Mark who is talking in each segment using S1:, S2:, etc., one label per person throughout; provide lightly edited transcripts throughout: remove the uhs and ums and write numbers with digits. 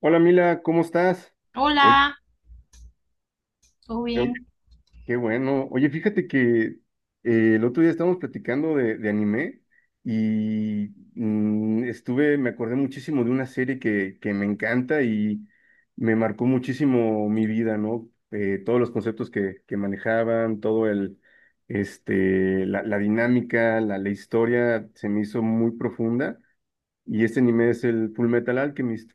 S1: Hola Mila, ¿cómo estás? Oye,
S2: Hola, ¿todo
S1: oye,
S2: bien?
S1: qué bueno. Oye, fíjate que el otro día estábamos platicando de anime y estuve, me acordé muchísimo de una serie que me encanta y me marcó muchísimo mi vida, ¿no? Todos los conceptos que manejaban, todo el, la dinámica, la historia se me hizo muy profunda y este anime es el Full Metal Alchemist.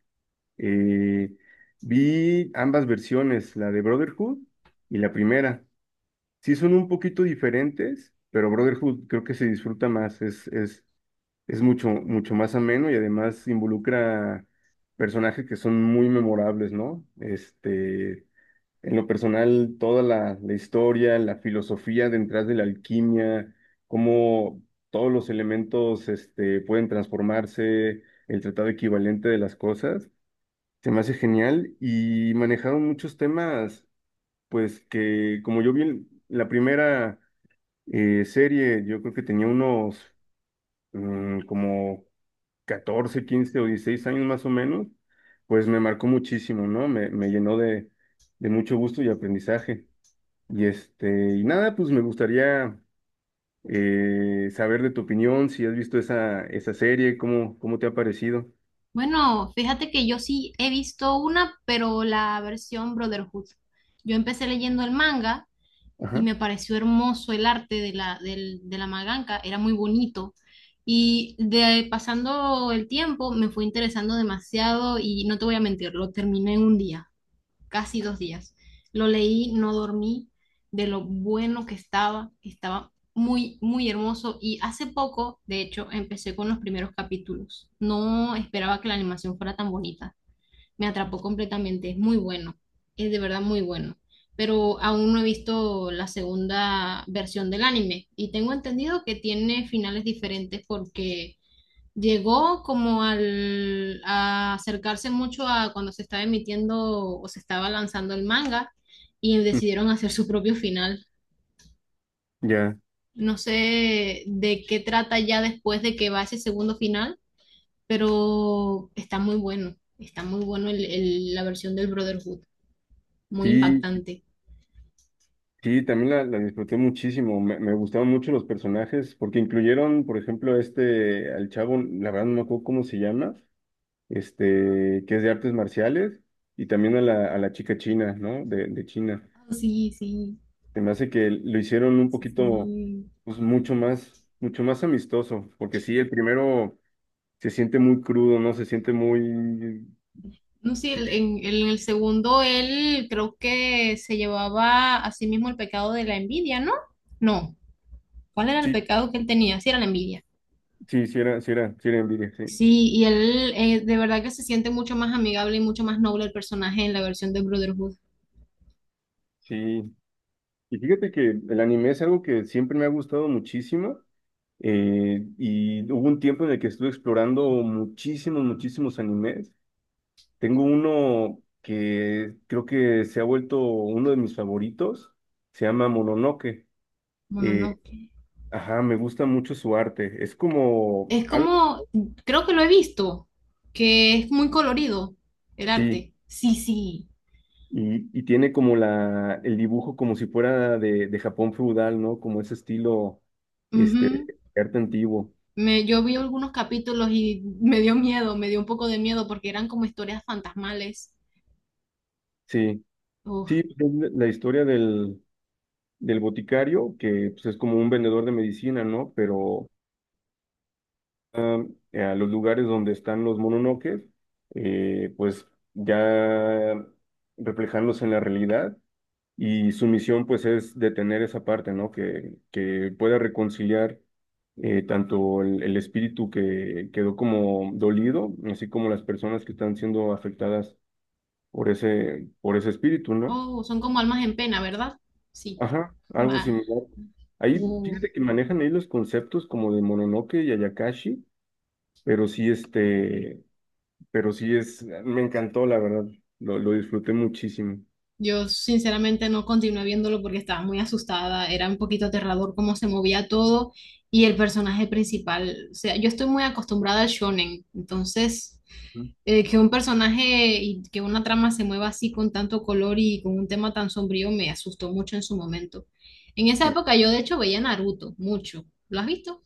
S1: Eh, vi ambas versiones, la de Brotherhood y la primera. Sí son un poquito diferentes, pero Brotherhood creo que se disfruta más, es mucho más ameno y además involucra personajes que son muy memorables, ¿no? Este, en lo personal, toda la historia, la filosofía detrás de la alquimia, cómo todos los elementos pueden transformarse, el tratado equivalente de las cosas. Se me hace genial y manejaron muchos temas, pues que como yo vi en la primera serie, yo creo que tenía unos como 14, 15 o 16 años más o menos. Pues me marcó muchísimo, ¿no? Me llenó de mucho gusto y aprendizaje. Y nada, pues me gustaría saber de tu opinión, si has visto esa serie, cómo te ha parecido.
S2: Bueno, fíjate que yo sí he visto una, pero la versión Brotherhood. Yo empecé leyendo el manga y
S1: Ajá.
S2: me pareció hermoso el arte de de la mangaka, era muy bonito. Y de pasando el tiempo me fue interesando demasiado y no te voy a mentir, lo terminé en un día. Casi dos días. Lo leí, no dormí, de lo bueno que estaba, estaba muy hermoso y hace poco, de hecho, empecé con los primeros capítulos. No esperaba que la animación fuera tan bonita. Me atrapó completamente, es muy bueno, es de verdad muy bueno. Pero aún no he visto la segunda versión del anime y tengo entendido que tiene finales diferentes porque llegó como a acercarse mucho a cuando se estaba emitiendo o se estaba lanzando el manga y decidieron hacer su propio final.
S1: Ya,
S2: No sé de qué trata ya después de que va ese segundo final, pero está muy bueno. Está muy bueno la versión del Brotherhood, muy
S1: sí,
S2: impactante.
S1: sí, también la disfruté muchísimo. Me gustaron mucho los personajes porque incluyeron, por ejemplo, al chavo, la verdad no me acuerdo cómo se llama, que es de artes marciales, y también a la chica china, ¿no? De China.
S2: Ah, sí, sí,
S1: Se me hace que lo hicieron un
S2: sí,
S1: poquito,
S2: sí.
S1: pues mucho más amistoso, porque sí, el primero se siente muy crudo, ¿no? Se siente muy.
S2: No sé,
S1: Sí,
S2: en el segundo él creo que se llevaba a sí mismo el pecado de la envidia, ¿no? No. ¿Cuál era el
S1: sí,
S2: pecado que él tenía? Sí, era la envidia.
S1: sí, sí era envidia, sí.
S2: Sí, y él de verdad que se siente mucho más amigable y mucho más noble el personaje en la versión de Brotherhood.
S1: Sí. Y fíjate que el anime es algo que siempre me ha gustado muchísimo. Y hubo un tiempo en el que estuve explorando muchísimos animes. Tengo uno que creo que se ha vuelto uno de mis favoritos. Se llama Mononoke.
S2: Bueno,
S1: Eh,
S2: no.
S1: ajá, me gusta mucho su arte. Es como
S2: Es
S1: algo.
S2: como, creo que lo he visto, que es muy colorido el
S1: Sí,
S2: arte. Sí, sí.
S1: y tiene como el dibujo como si fuera de Japón feudal, ¿no? Como ese estilo,
S2: Ujú.
S1: este, arte antiguo.
S2: Yo vi algunos capítulos y me dio miedo, me dio un poco de miedo porque eran como historias fantasmales.
S1: Sí,
S2: Uf,
S1: sí, es la historia del boticario, que pues, es como un vendedor de medicina, ¿no? Pero am, a los lugares donde están los mononoques, pues ya reflejarlos en la realidad, y su misión pues es detener esa parte, ¿no? Que pueda reconciliar tanto el espíritu que quedó como dolido, así como las personas que están siendo afectadas por ese espíritu, ¿no?
S2: oh, son como almas en pena, ¿verdad? Sí.
S1: Ajá, algo
S2: Va.
S1: similar. Ahí,
S2: Uh.
S1: fíjate que manejan ahí los conceptos como de Mononoke y Ayakashi, pero sí, este, pero sí es, me encantó, la verdad, lo disfruté muchísimo.
S2: Yo sinceramente no continué viéndolo porque estaba muy asustada, era un poquito aterrador cómo se movía todo y el personaje principal, o sea, yo estoy muy acostumbrada al shonen, entonces
S1: Ujú.
S2: que un personaje y que una trama se mueva así con tanto color y con un tema tan sombrío me asustó mucho en su momento. En esa época yo de hecho veía Naruto mucho, ¿lo has visto?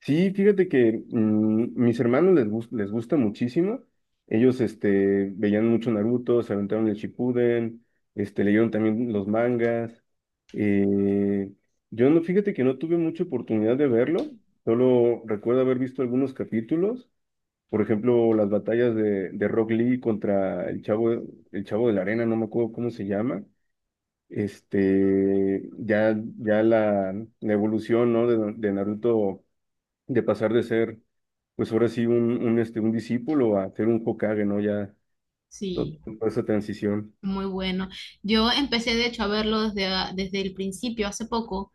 S1: Sí, fíjate que mis hermanos les gusta muchísimo. Ellos veían mucho Naruto, se aventaron el Shippuden, leyeron también los mangas. Eh, yo no, fíjate que no tuve mucha oportunidad de verlo. Solo recuerdo haber visto algunos capítulos. Por ejemplo, las batallas de Rock Lee contra el Chavo de la Arena, no me acuerdo cómo se llama. Ya la evolución, ¿no? De Naruto, de pasar de ser, pues ahora sí, un discípulo a ser un Hokage, ¿no? Ya to-
S2: Sí,
S1: toda esa transición.
S2: muy bueno. Yo empecé de hecho a verlo desde el principio, hace poco.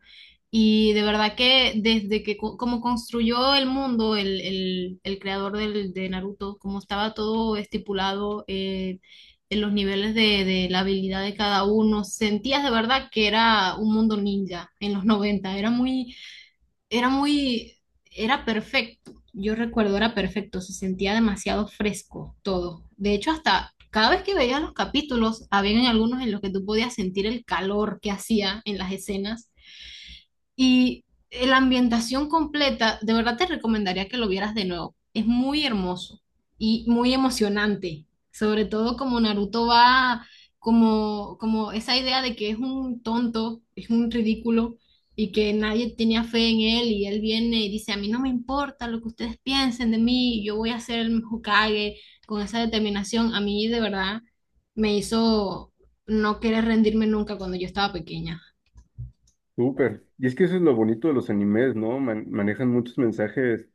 S2: Y de verdad que desde que como construyó el mundo, el creador de Naruto, como estaba todo estipulado en los niveles de la habilidad de cada uno, sentías de verdad que era un mundo ninja en los noventa. Era muy, era perfecto. Yo recuerdo, era perfecto. Se sentía demasiado fresco todo. De hecho, hasta cada vez que veías los capítulos, habían algunos en los que tú podías sentir el calor que hacía en las escenas y la ambientación completa, de verdad te recomendaría que lo vieras de nuevo. Es muy hermoso y muy emocionante, sobre todo como Naruto va, como esa idea de que es un tonto, es un ridículo y que nadie tenía fe en él y él viene y dice, a mí no me importa lo que ustedes piensen de mí, yo voy a ser el Hokage con esa determinación. A mí de verdad me hizo no querer rendirme nunca cuando yo estaba pequeña.
S1: Súper. Y es que eso es lo bonito de los animes, ¿no? Manejan muchos mensajes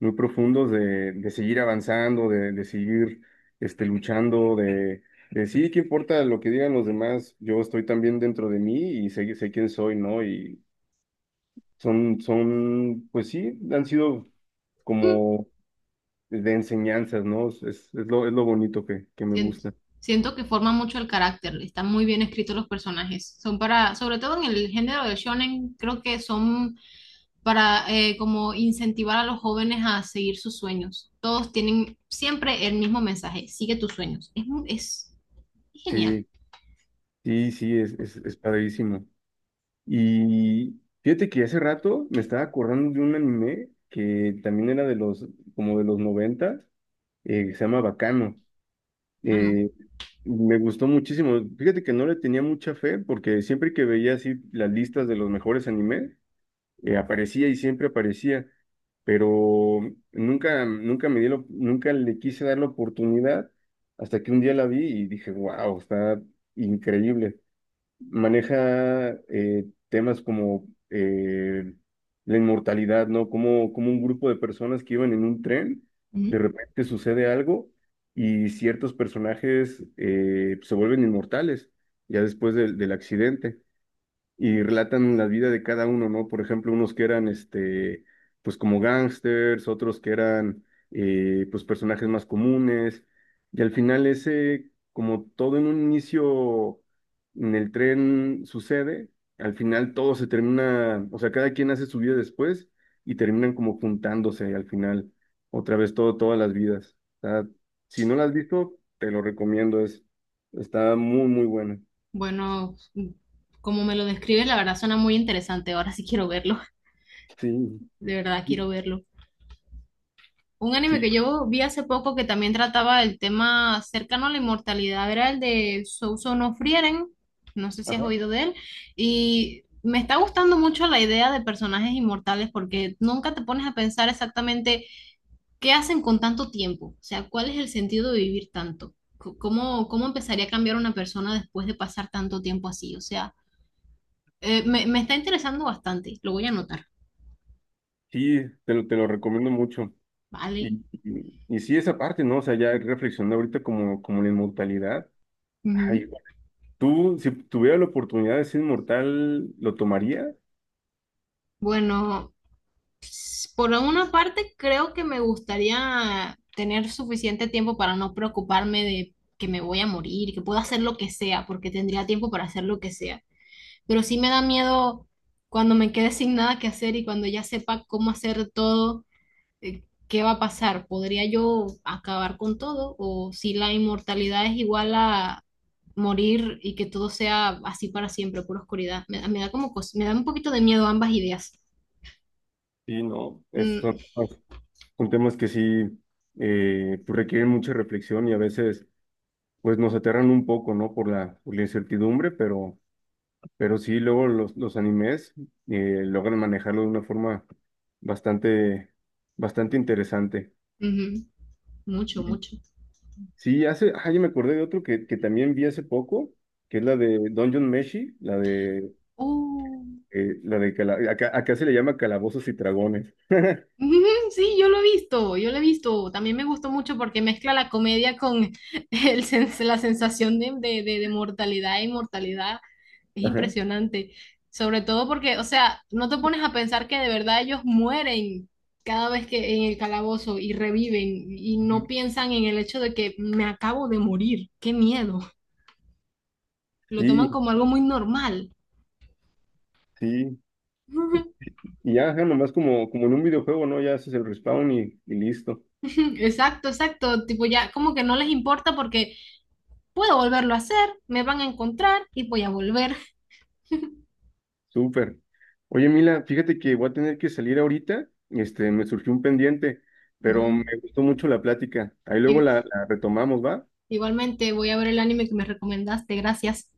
S1: muy profundos de seguir avanzando, de seguir luchando, de sí, qué importa lo que digan los demás, yo estoy también dentro de mí y sé quién soy, ¿no? Y pues sí, han sido como de enseñanzas, ¿no? Es lo bonito que me
S2: Siento,
S1: gusta.
S2: Siento que forma mucho el carácter, están muy bien escritos los personajes. Son para, sobre todo en el género del shonen, creo que son para como incentivar a los jóvenes a seguir sus sueños. Todos tienen siempre el mismo mensaje, sigue tus sueños. Es, es genial.
S1: Sí, sí, sí, es padrísimo. Y fíjate que hace rato me estaba acordando de un anime que también era como de los noventas que se llama Bacano.
S2: Ah, no.
S1: Eh, me gustó muchísimo. Fíjate que no le tenía mucha fe porque siempre que veía así las listas de los mejores animes, aparecía y siempre aparecía, pero nunca, nunca le quise dar la oportunidad hasta que un día la vi y dije, wow, está increíble. Maneja temas como la inmortalidad, ¿no? Como un grupo de personas que iban en un tren, de
S2: Ujú.
S1: repente sucede algo y ciertos personajes se vuelven inmortales ya después del accidente, y relatan la vida de cada uno, ¿no? Por ejemplo, unos que eran, pues como gángsters, otros que eran, pues personajes más comunes, y al final ese, como todo en un inicio en el tren sucede, al final todo se termina, o sea, cada quien hace su vida después y terminan como juntándose al final, otra vez todas las vidas. O sea, si no la has visto, te lo recomiendo. Está muy, muy buena.
S2: Bueno, como me lo describes, la verdad suena muy interesante. Ahora sí quiero verlo.
S1: Sí,
S2: De verdad quiero verlo. Un
S1: sí,
S2: anime que yo vi hace poco que también trataba el tema cercano a la inmortalidad era el de Souso no Frieren, no sé si has
S1: ajá.
S2: oído de él, y me está gustando mucho la idea de personajes inmortales porque nunca te pones a pensar exactamente qué hacen con tanto tiempo, o sea, cuál es el sentido de vivir tanto, cómo empezaría a cambiar una persona después de pasar tanto tiempo así, o sea, me está interesando bastante, lo voy a anotar,
S1: Sí, te lo recomiendo mucho.
S2: ¿vale?
S1: Y sí, esa parte, ¿no? O sea, ya reflexionando ahorita como la inmortalidad. Ay,
S2: Ujú.
S1: tú, si tuviera la oportunidad de ser inmortal, ¿lo tomaría?
S2: Bueno, por una parte, creo que me gustaría tener suficiente tiempo para no preocuparme de que me voy a morir, que puedo hacer lo que sea, porque tendría tiempo para hacer lo que sea. Pero sí me da miedo cuando me quede sin nada que hacer y cuando ya sepa cómo hacer todo, qué va a pasar. ¿Podría yo acabar con todo? ¿O si la inmortalidad es igual a morir y que todo sea así para siempre, pura oscuridad? Me da como me da un poquito de miedo ambas ideas.
S1: Sí, no.
S2: Mm,
S1: Son temas que sí pues requieren mucha reflexión, y a veces pues nos aterran un poco, ¿no? Por la incertidumbre, pero sí, luego los animes logran manejarlo de una forma bastante, bastante interesante.
S2: ujú. Mucho, mucho.
S1: Sí, ya me acordé de otro que también vi hace poco, que es la de Dungeon Meshi,
S2: Oh.
S1: acá, se le llama Calabozos y Dragones.
S2: Ujú, sí, yo lo he visto, yo lo he visto. También me gustó mucho porque mezcla la comedia con la sensación de mortalidad e inmortalidad. Es
S1: Ajá.
S2: impresionante. Sobre todo porque, o sea, no te pones a pensar que de verdad ellos mueren cada vez que en el calabozo y reviven y no
S1: Ujú.
S2: piensan en el hecho de que me acabo de morir. Qué miedo. Lo toman
S1: Sí,
S2: como algo muy normal.
S1: sí. Y ya, ajá, nomás como en un videojuego, ¿no? Ya haces el respawn y listo.
S2: Exacto, exacto. Tipo, ya como que no les importa porque puedo volverlo a hacer, me van a encontrar y voy a volver.
S1: Súper. Oye, Mila, fíjate que voy a tener que salir ahorita. Me surgió un pendiente, pero me
S2: Vale.
S1: gustó mucho la plática. Ahí luego
S2: Y-
S1: la retomamos, ¿va?
S2: igualmente voy a ver el anime que me recomendaste, gracias.